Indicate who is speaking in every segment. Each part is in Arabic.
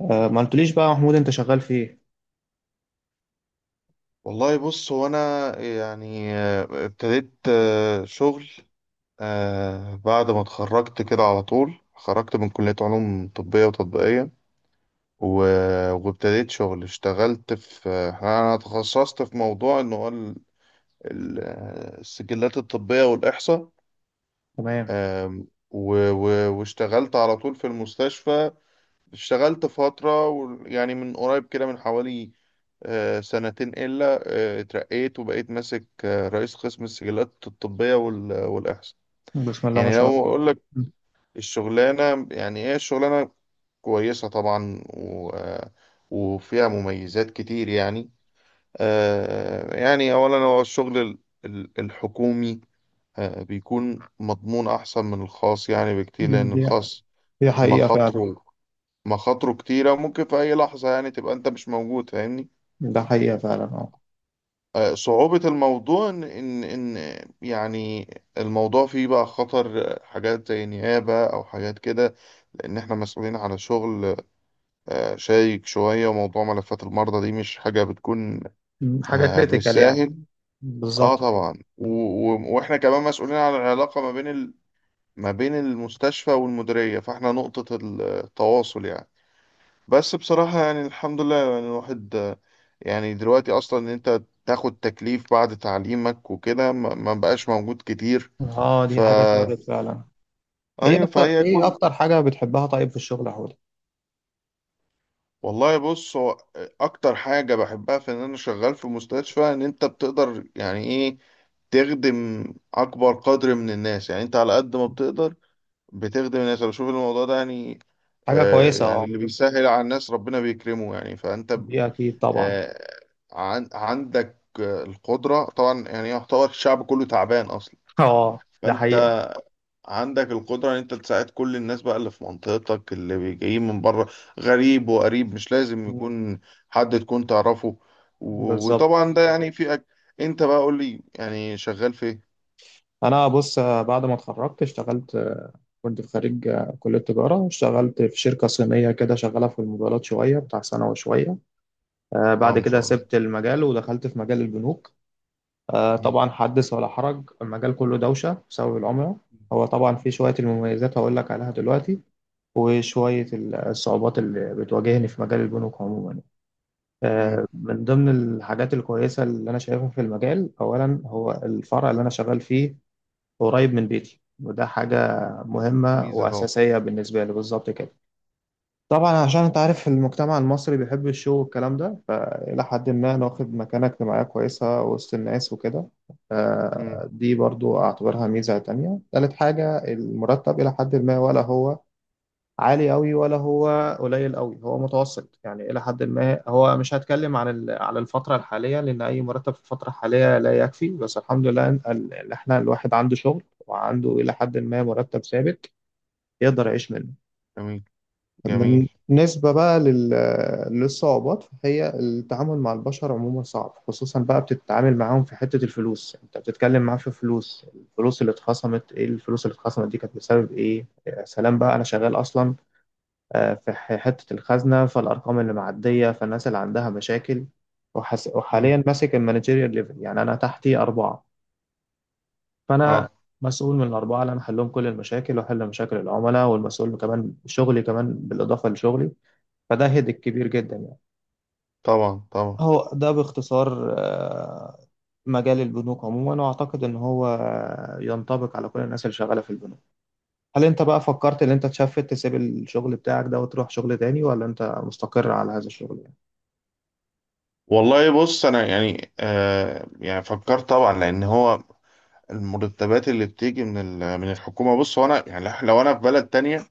Speaker 1: ما قلتليش بقى يا محمود، انت شغال في ايه؟
Speaker 2: والله بص. هو انا يعني ابتديت شغل بعد ما اتخرجت كده على طول، خرجت من كلية علوم طبية وتطبيقية، و- وابتديت شغل، اشتغلت في انا تخصصت في موضوع انه هو السجلات الطبية والإحصاء.
Speaker 1: تمام.
Speaker 2: و- و- واشتغلت على طول في المستشفى. اشتغلت فترة يعني من قريب كده، من حوالي سنتين إلا، اترقيت وبقيت ماسك رئيس قسم السجلات الطبية وال- والإحصاء.
Speaker 1: بسم الله ما
Speaker 2: يعني
Speaker 1: شاء
Speaker 2: لو
Speaker 1: الله.
Speaker 2: أقول لك الشغلانة يعني إيه الشغلانة، كويسة طبعا، و وفيها مميزات كتير يعني. يعني أولا هو الشغل ال- ال- الحكومي بيكون مضمون أحسن من الخاص يعني بكتير،
Speaker 1: مم.
Speaker 2: لأن
Speaker 1: دي
Speaker 2: الخاص
Speaker 1: دي حقيقة فعلا.
Speaker 2: مخاطره مخاطره كتيرة، ممكن في أي لحظة يعني تبقى أنت مش موجود، فاهمني.
Speaker 1: ده حقيقة فعلا، اه.
Speaker 2: صعوبة الموضوع إن يعني الموضوع فيه بقى خطر، حاجات زي نيابة أو حاجات كده، لأن إحنا مسؤولين على شغل شايك شوية، وموضوع ملفات المرضى دي مش حاجة بتكون
Speaker 1: حاجة كريتيكال يعني.
Speaker 2: بالساهل. أه
Speaker 1: بالظبط كده،
Speaker 2: طبعا، و- و- وإحنا كمان مسؤولين على العلاقة ما بين المستشفى والمديرية، فإحنا نقطة التواصل يعني. بس بصراحة يعني الحمد لله. يعني الواحد يعني دلوقتي أصلا إن أنت تاخد تكليف بعد تعليمك وكده ما بقاش موجود كتير.
Speaker 1: اه.
Speaker 2: ف
Speaker 1: دي حاجة اتلغت فعلا.
Speaker 2: أيوة، فهي
Speaker 1: ايه
Speaker 2: كل.
Speaker 1: اكتر حاجة بتحبها طيب في الشغل يا حوده؟
Speaker 2: والله بص. هو أكتر حاجة بحبها في إن أنا شغال في مستشفى، إن أنت بتقدر يعني إيه، تخدم أكبر قدر من الناس. يعني أنت على قد ما بتقدر بتخدم الناس. انا بشوف الموضوع ده يعني
Speaker 1: حاجة كويسة،
Speaker 2: يعني
Speaker 1: اه.
Speaker 2: اللي بيسهل على الناس ربنا بيكرمه يعني. فانت ب...
Speaker 1: دي اكيد طبعا.
Speaker 2: آه عندك القدرة طبعا. يعني يعتبر الشعب كله تعبان اصلا.
Speaker 1: اه، ده
Speaker 2: فانت
Speaker 1: حقيقة.
Speaker 2: عندك القدرة ان انت تساعد كل الناس بقى، اللي في منطقتك، اللي جايين من بره، غريب وقريب، مش لازم
Speaker 1: مم.
Speaker 2: يكون حد تكون تعرفه. و...
Speaker 1: بالظبط.
Speaker 2: وطبعا ده يعني انت بقى قول لي يعني شغال في ايه.
Speaker 1: انا بص، بعد ما اتخرجت اشتغلت، كنت في خريج كلية تجارة. اشتغلت في شركة صينية كده شغالة في الموبايلات شوية بتاع سنة وشوية.
Speaker 2: اه،
Speaker 1: بعد
Speaker 2: ما
Speaker 1: كده
Speaker 2: شاء الله.
Speaker 1: سبت المجال ودخلت في مجال البنوك.
Speaker 2: مم.
Speaker 1: طبعا حدث ولا حرج، المجال كله دوشة بسبب العملة. هو طبعا في شوية المميزات هقول لك عليها دلوقتي، وشوية الصعوبات اللي بتواجهني في مجال البنوك عموما.
Speaker 2: مم.
Speaker 1: من ضمن الحاجات الكويسة اللي أنا شايفها في المجال، أولا هو الفرع اللي أنا شغال فيه قريب من بيتي، وده حاجة مهمة
Speaker 2: ميزة طبعا.
Speaker 1: وأساسية بالنسبة لي، بالظبط كده. طبعا عشان انت عارف المجتمع المصري بيحب الشو والكلام ده، فإلى حد ما ناخد مكانة اجتماعية كويسة وسط الناس وكده.
Speaker 2: مم.
Speaker 1: دي برضو أعتبرها ميزة تانية. تالت حاجة المرتب، إلى حد ما ولا هو عالي أوي ولا هو قليل أوي، هو متوسط يعني إلى حد ما. هو مش هتكلم عن على الفترة الحالية، لأن أي مرتب في الفترة الحالية لا يكفي، بس الحمد لله إن إحنا الواحد عنده شغل وعنده إلى حد ما مرتب ثابت يقدر يعيش منه.
Speaker 2: جميل. جميل.
Speaker 1: بالنسبة بقى للصعوبات، فهي التعامل مع البشر عموما صعب، خصوصا بقى بتتعامل معاهم في حتة الفلوس. انت بتتكلم معاه في فلوس، الفلوس اللي اتخصمت ايه، الفلوس اللي اتخصمت دي كانت بسبب ايه. يا سلام بقى، انا شغال اصلا في حتة الخزنة، فالارقام اللي معدية، فالناس اللي عندها مشاكل.
Speaker 2: مم.
Speaker 1: وحاليا ماسك المانجيريال ليفل، يعني انا تحتي اربعة، فانا
Speaker 2: اه.
Speaker 1: مسؤول من الأربعة اللي أنا أحلهم كل المشاكل وأحل مشاكل العملاء، والمسؤول كمان شغلي، كمان بالإضافة لشغلي، فده هيدك كبير جدا يعني.
Speaker 2: طبعا. طبعا.
Speaker 1: هو ده باختصار مجال البنوك عموما، واعتقد ان هو ينطبق على كل الناس اللي شغاله في البنوك. هل انت بقى فكرت ان انت تشفت تسيب الشغل بتاعك ده وتروح شغل تاني، ولا انت مستقر على هذا الشغل يعني؟
Speaker 2: والله بص. انا يعني يعني فكرت طبعا، لان هو المرتبات اللي بتيجي من من الحكومه. بص هو انا يعني لو انا في بلد تانية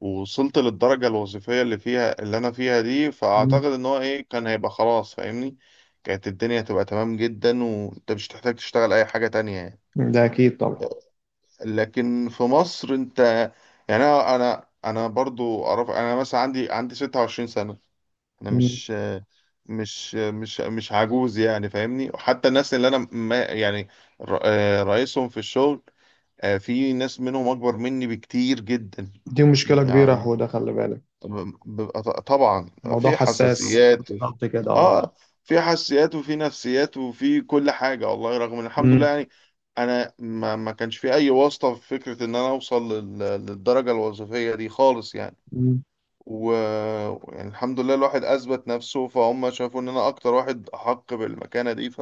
Speaker 2: ووصلت للدرجه الوظيفيه اللي فيها، اللي انا فيها دي، فاعتقد
Speaker 1: مم.
Speaker 2: ان هو ايه كان هيبقى خلاص، فاهمني. كانت الدنيا هتبقى تمام جدا وانت مش هتحتاج تشتغل اي حاجه تانية يعني.
Speaker 1: ده اكيد طبعا.
Speaker 2: لكن في مصر انت يعني انا انا أنا برضو اعرف. انا مثلا عندي 26 سنه. انا
Speaker 1: مم.
Speaker 2: مش عجوز يعني فاهمني. حتى الناس اللي انا ما يعني رئيسهم في الشغل، في ناس منهم اكبر مني بكتير جدا
Speaker 1: دي مشكله كبيره يا
Speaker 2: يعني.
Speaker 1: حوده، خلي بالك،
Speaker 2: بيبقى طبعا
Speaker 1: موضوع
Speaker 2: في
Speaker 1: حساس.
Speaker 2: حساسيات.
Speaker 1: بالظبط كده، اه.
Speaker 2: اه، في حساسيات وفي نفسيات وفي كل حاجة. والله رغم ان الحمد لله،
Speaker 1: مم.
Speaker 2: يعني انا ما كانش في اي واسطة، في فكرة ان انا اوصل للدرجة الوظيفية دي خالص يعني.
Speaker 1: مم.
Speaker 2: و يعني الحمد لله الواحد اثبت نفسه، فهم شافوا ان انا اكتر واحد احق بالمكانه دي.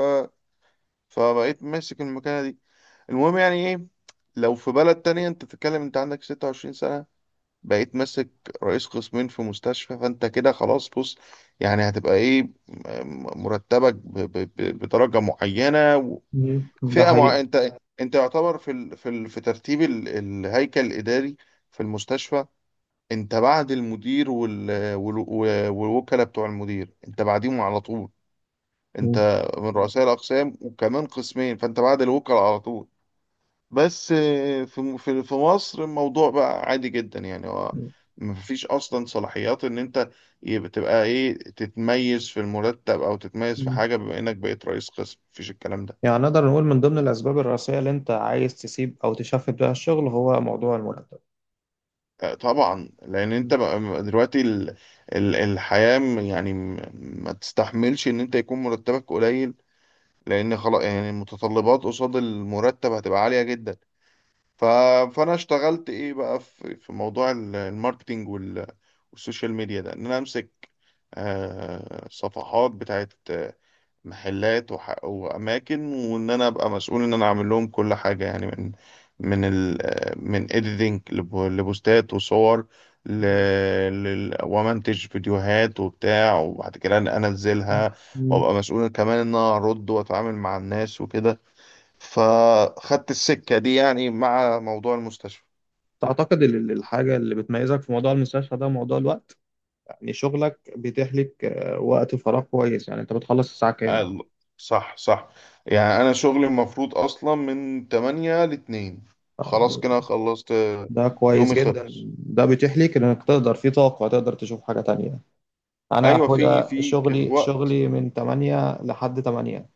Speaker 2: فبقيت ماسك المكانه دي. المهم يعني ايه، لو في بلد تانية انت تتكلم، انت عندك 26 سنه، بقيت ماسك رئيس قسمين في مستشفى، فانت كده خلاص بص. يعني هتبقى ايه مرتبك بدرجه معينه
Speaker 1: مم. ده
Speaker 2: وفئه
Speaker 1: حقيقي.
Speaker 2: انت انت يعتبر في ترتيب الهيكل الاداري في المستشفى. انت بعد المدير وال... وال... و- والوكلاء بتوع المدير، انت بعديهم على طول. انت
Speaker 1: مم.
Speaker 2: من رؤساء الاقسام، وكمان قسمين، فانت بعد الوكلاء على طول. بس في في مصر الموضوع بقى عادي جدا يعني. هو مفيش اصلا صلاحيات ان انت يبقى تبقى ايه، تتميز في المرتب او تتميز في
Speaker 1: مم.
Speaker 2: حاجه بما انك بقيت رئيس قسم، مفيش الكلام ده.
Speaker 1: يعني نقدر نقول من ضمن الأسباب الرئيسية اللي أنت عايز تسيب أو تشفت بيها الشغل هو موضوع المرتب.
Speaker 2: طبعا لان انت
Speaker 1: مم.
Speaker 2: بقى دلوقتي الحياه ما تستحملش ان انت يكون مرتبك قليل، لان خلاص يعني المتطلبات قصاد المرتب هتبقى عالية جدا. ف... فانا اشتغلت ايه بقى في موضوع الماركتينج وال... والسوشيال ميديا ده، ان انا امسك صفحات بتاعت محلات واماكن، وان انا ابقى مسؤول ان انا اعمل لهم كل حاجه يعني، من ال... من اديتنج لبوستات وصور ل...
Speaker 1: مم.
Speaker 2: ومنتج فيديوهات وبتاع، وبعد كده انا انزلها
Speaker 1: مم.
Speaker 2: وابقى مسؤول كمان ان انا ارد واتعامل مع الناس وكده. فخدت السكه دي يعني مع موضوع المستشفى.
Speaker 1: تعتقد الحاجة اللي بتميزك في موضوع المستشفى ده موضوع الوقت، يعني شغلك بيتيح لك وقت فراغ كويس. يعني أنت بتخلص الساعة كام؟
Speaker 2: قال- صح، صح. يعني انا شغلي المفروض اصلا من 8 ل 2، خلاص كده خلصت
Speaker 1: ده كويس
Speaker 2: يومي
Speaker 1: جدا.
Speaker 2: خلص.
Speaker 1: ده بيتيح لك إنك تقدر في طاقة تقدر تشوف حاجة تانية. أنا،
Speaker 2: ايوه، في
Speaker 1: حودة، شغلي
Speaker 2: وقت.
Speaker 1: شغلي من 8 لحد 8،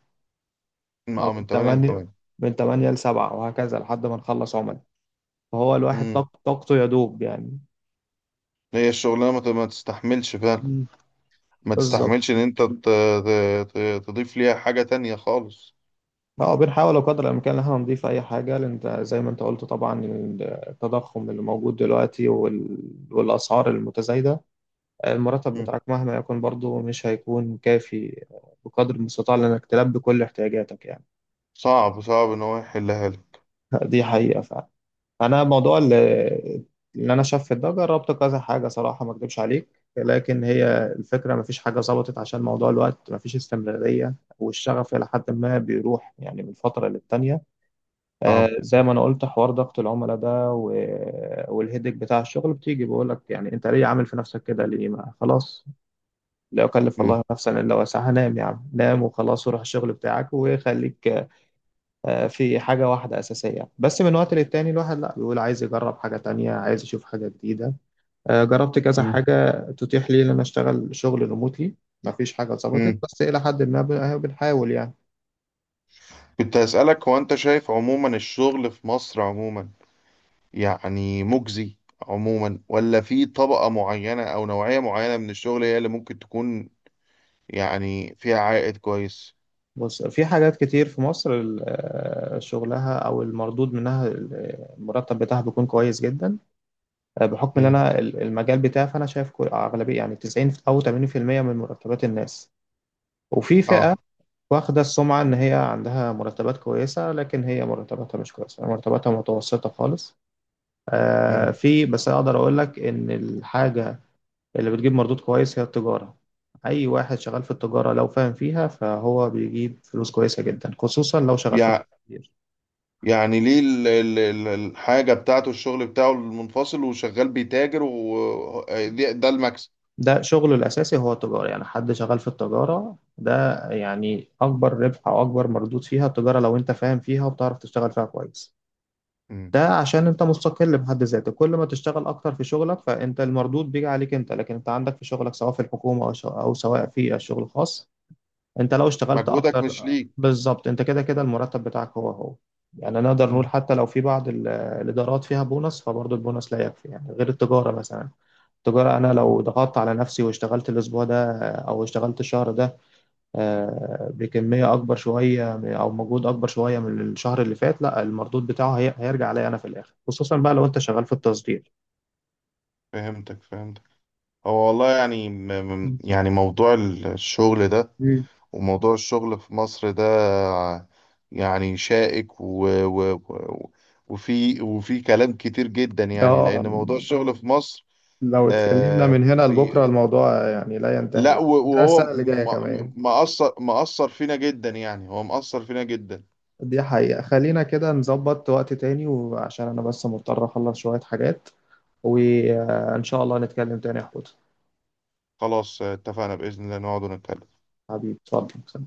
Speaker 2: من
Speaker 1: أو
Speaker 2: اه
Speaker 1: من
Speaker 2: من 8 ل
Speaker 1: 8،
Speaker 2: 8.
Speaker 1: من 8 ل 7 وهكذا لحد ما نخلص عمل. فهو الواحد
Speaker 2: امم
Speaker 1: طاقته يدوب يعني.
Speaker 2: هي الشغلانه ما تستحملش فعلا.
Speaker 1: مم.
Speaker 2: ما
Speaker 1: بالظبط.
Speaker 2: تستحملش ان انت تضيف ليها حاجه تانية خالص.
Speaker 1: اه، بنحاول قدر الامكان ان احنا نضيف اي حاجه، لان إنت زي ما انت قلت طبعا، التضخم اللي موجود دلوقتي والاسعار المتزايده، المرتب
Speaker 2: مم.
Speaker 1: بتاعك مهما يكن برضه مش هيكون كافي بقدر المستطاع لانك تلبي كل احتياجاتك يعني.
Speaker 2: صعب، صعب ان هو يحلها لك.
Speaker 1: دي حقيقه فعلا. انا موضوع اللي انا شاف في ده، جربت كذا حاجه، صراحه ما اكدبش عليك، لكن هي الفكره ما فيش حاجه ظبطت عشان موضوع الوقت، ما فيش استمراريه، والشغف الى حد ما بيروح يعني من فتره للتانيه. آه،
Speaker 2: صعب.
Speaker 1: زي ما انا قلت، حوار ضغط العملاء ده والهيدك بتاع الشغل، بتيجي بقول لك يعني انت ليه عامل في نفسك كده، ليه، ما خلاص، لا يكلف
Speaker 2: مم.
Speaker 1: الله نفسا الا وسعها، نام يا عم نام وخلاص، وروح الشغل بتاعك وخليك. في حاجة واحدة أساسية، بس من وقت للتاني الواحد لا بيقول عايز يجرب حاجة تانية، عايز يشوف حاجة جديدة. جربت كذا
Speaker 2: مم.
Speaker 1: حاجة تتيح لي إن أنا أشتغل شغل ريموتلي. مفيش حاجة ظبطت،
Speaker 2: مم.
Speaker 1: بس إلى حد ما أهو بنحاول يعني.
Speaker 2: كنت هسألك، هو انت شايف عموما الشغل في مصر عموما، يعني مجزي عموما، ولا في طبقه معينه او نوعيه معينه من الشغل هي اللي ممكن تكون يعني فيها عائد كويس؟
Speaker 1: بص، في حاجات كتير في مصر، شغلها أو المردود منها، المرتب بتاعها بيكون كويس جدا. بحكم إن
Speaker 2: مم.
Speaker 1: أنا المجال بتاعي، فأنا شايف أغلبية يعني 90 أو 80% من مرتبات الناس، وفي فئة
Speaker 2: اه.
Speaker 1: واخدة السمعة إن هي عندها مرتبات كويسة، لكن هي مرتباتها مش كويسة، مرتباتها متوسطة خالص. آه،
Speaker 2: مم.
Speaker 1: في بس أقدر أقول لك إن الحاجة اللي بتجيب مردود كويس هي التجارة. أي واحد شغال في التجارة لو فاهم فيها فهو بيجيب فلوس كويسة جدا، خصوصا لو شغال في التجارة.
Speaker 2: يعني ليه الحاجة بتاعته الشغل بتاعه المنفصل، وشغال بيتاجر، وده ده المكسب.
Speaker 1: ده شغله الأساسي هو التجارة، يعني حد شغال في التجارة ده، يعني أكبر ربح أو أكبر مردود فيها التجارة لو أنت فاهم فيها وبتعرف تشتغل فيها كويس.
Speaker 2: مم.
Speaker 1: ده عشان انت مستقل بحد ذاته، كل ما تشتغل اكتر في شغلك فانت المردود بيجي عليك انت. لكن انت عندك في شغلك، سواء في الحكومة او او سواء في شغل خاص، انت لو اشتغلت
Speaker 2: مجهودك مش
Speaker 1: اكتر
Speaker 2: ليك.
Speaker 1: بالظبط، انت كده كده المرتب بتاعك هو هو. يعني نقدر نقول
Speaker 2: مم.
Speaker 1: حتى لو في بعض الادارات فيها بونص، فبرضه البونص لا يكفي يعني غير التجارة مثلا. التجارة انا لو
Speaker 2: مم.
Speaker 1: ضغطت على نفسي واشتغلت الاسبوع ده او اشتغلت الشهر ده، بكمية أكبر شوية أو مجهود أكبر شوية من الشهر اللي فات، لا المردود بتاعه هيرجع عليا أنا في الآخر، خصوصا بقى لو أنت شغال في التصدير.
Speaker 2: فهمتك، فهمتك. هو والله يعني يعني موضوع الشغل ده،
Speaker 1: مم.
Speaker 2: وموضوع الشغل في مصر ده، يعني شائك وفي كلام كتير جدا يعني،
Speaker 1: اه،
Speaker 2: لأن موضوع الشغل في مصر
Speaker 1: لو اتكلمنا
Speaker 2: آه
Speaker 1: من هنا لبكره الموضوع يعني لا ينتهي،
Speaker 2: لا، و-
Speaker 1: يعني ده
Speaker 2: وهو
Speaker 1: السنه اللي جايه كمان.
Speaker 2: مأثر فينا جدا يعني. هو مأثر فينا جدا.
Speaker 1: دي حقيقه، خلينا كده نظبط وقت تاني، وعشان انا بس مضطر اخلص شويه حاجات، وان شاء الله نتكلم تاني يا حوت.
Speaker 2: خلاص، اتفقنا. بإذن الله نقعد ونتكلم.
Speaker 1: حبيبي اتفضل.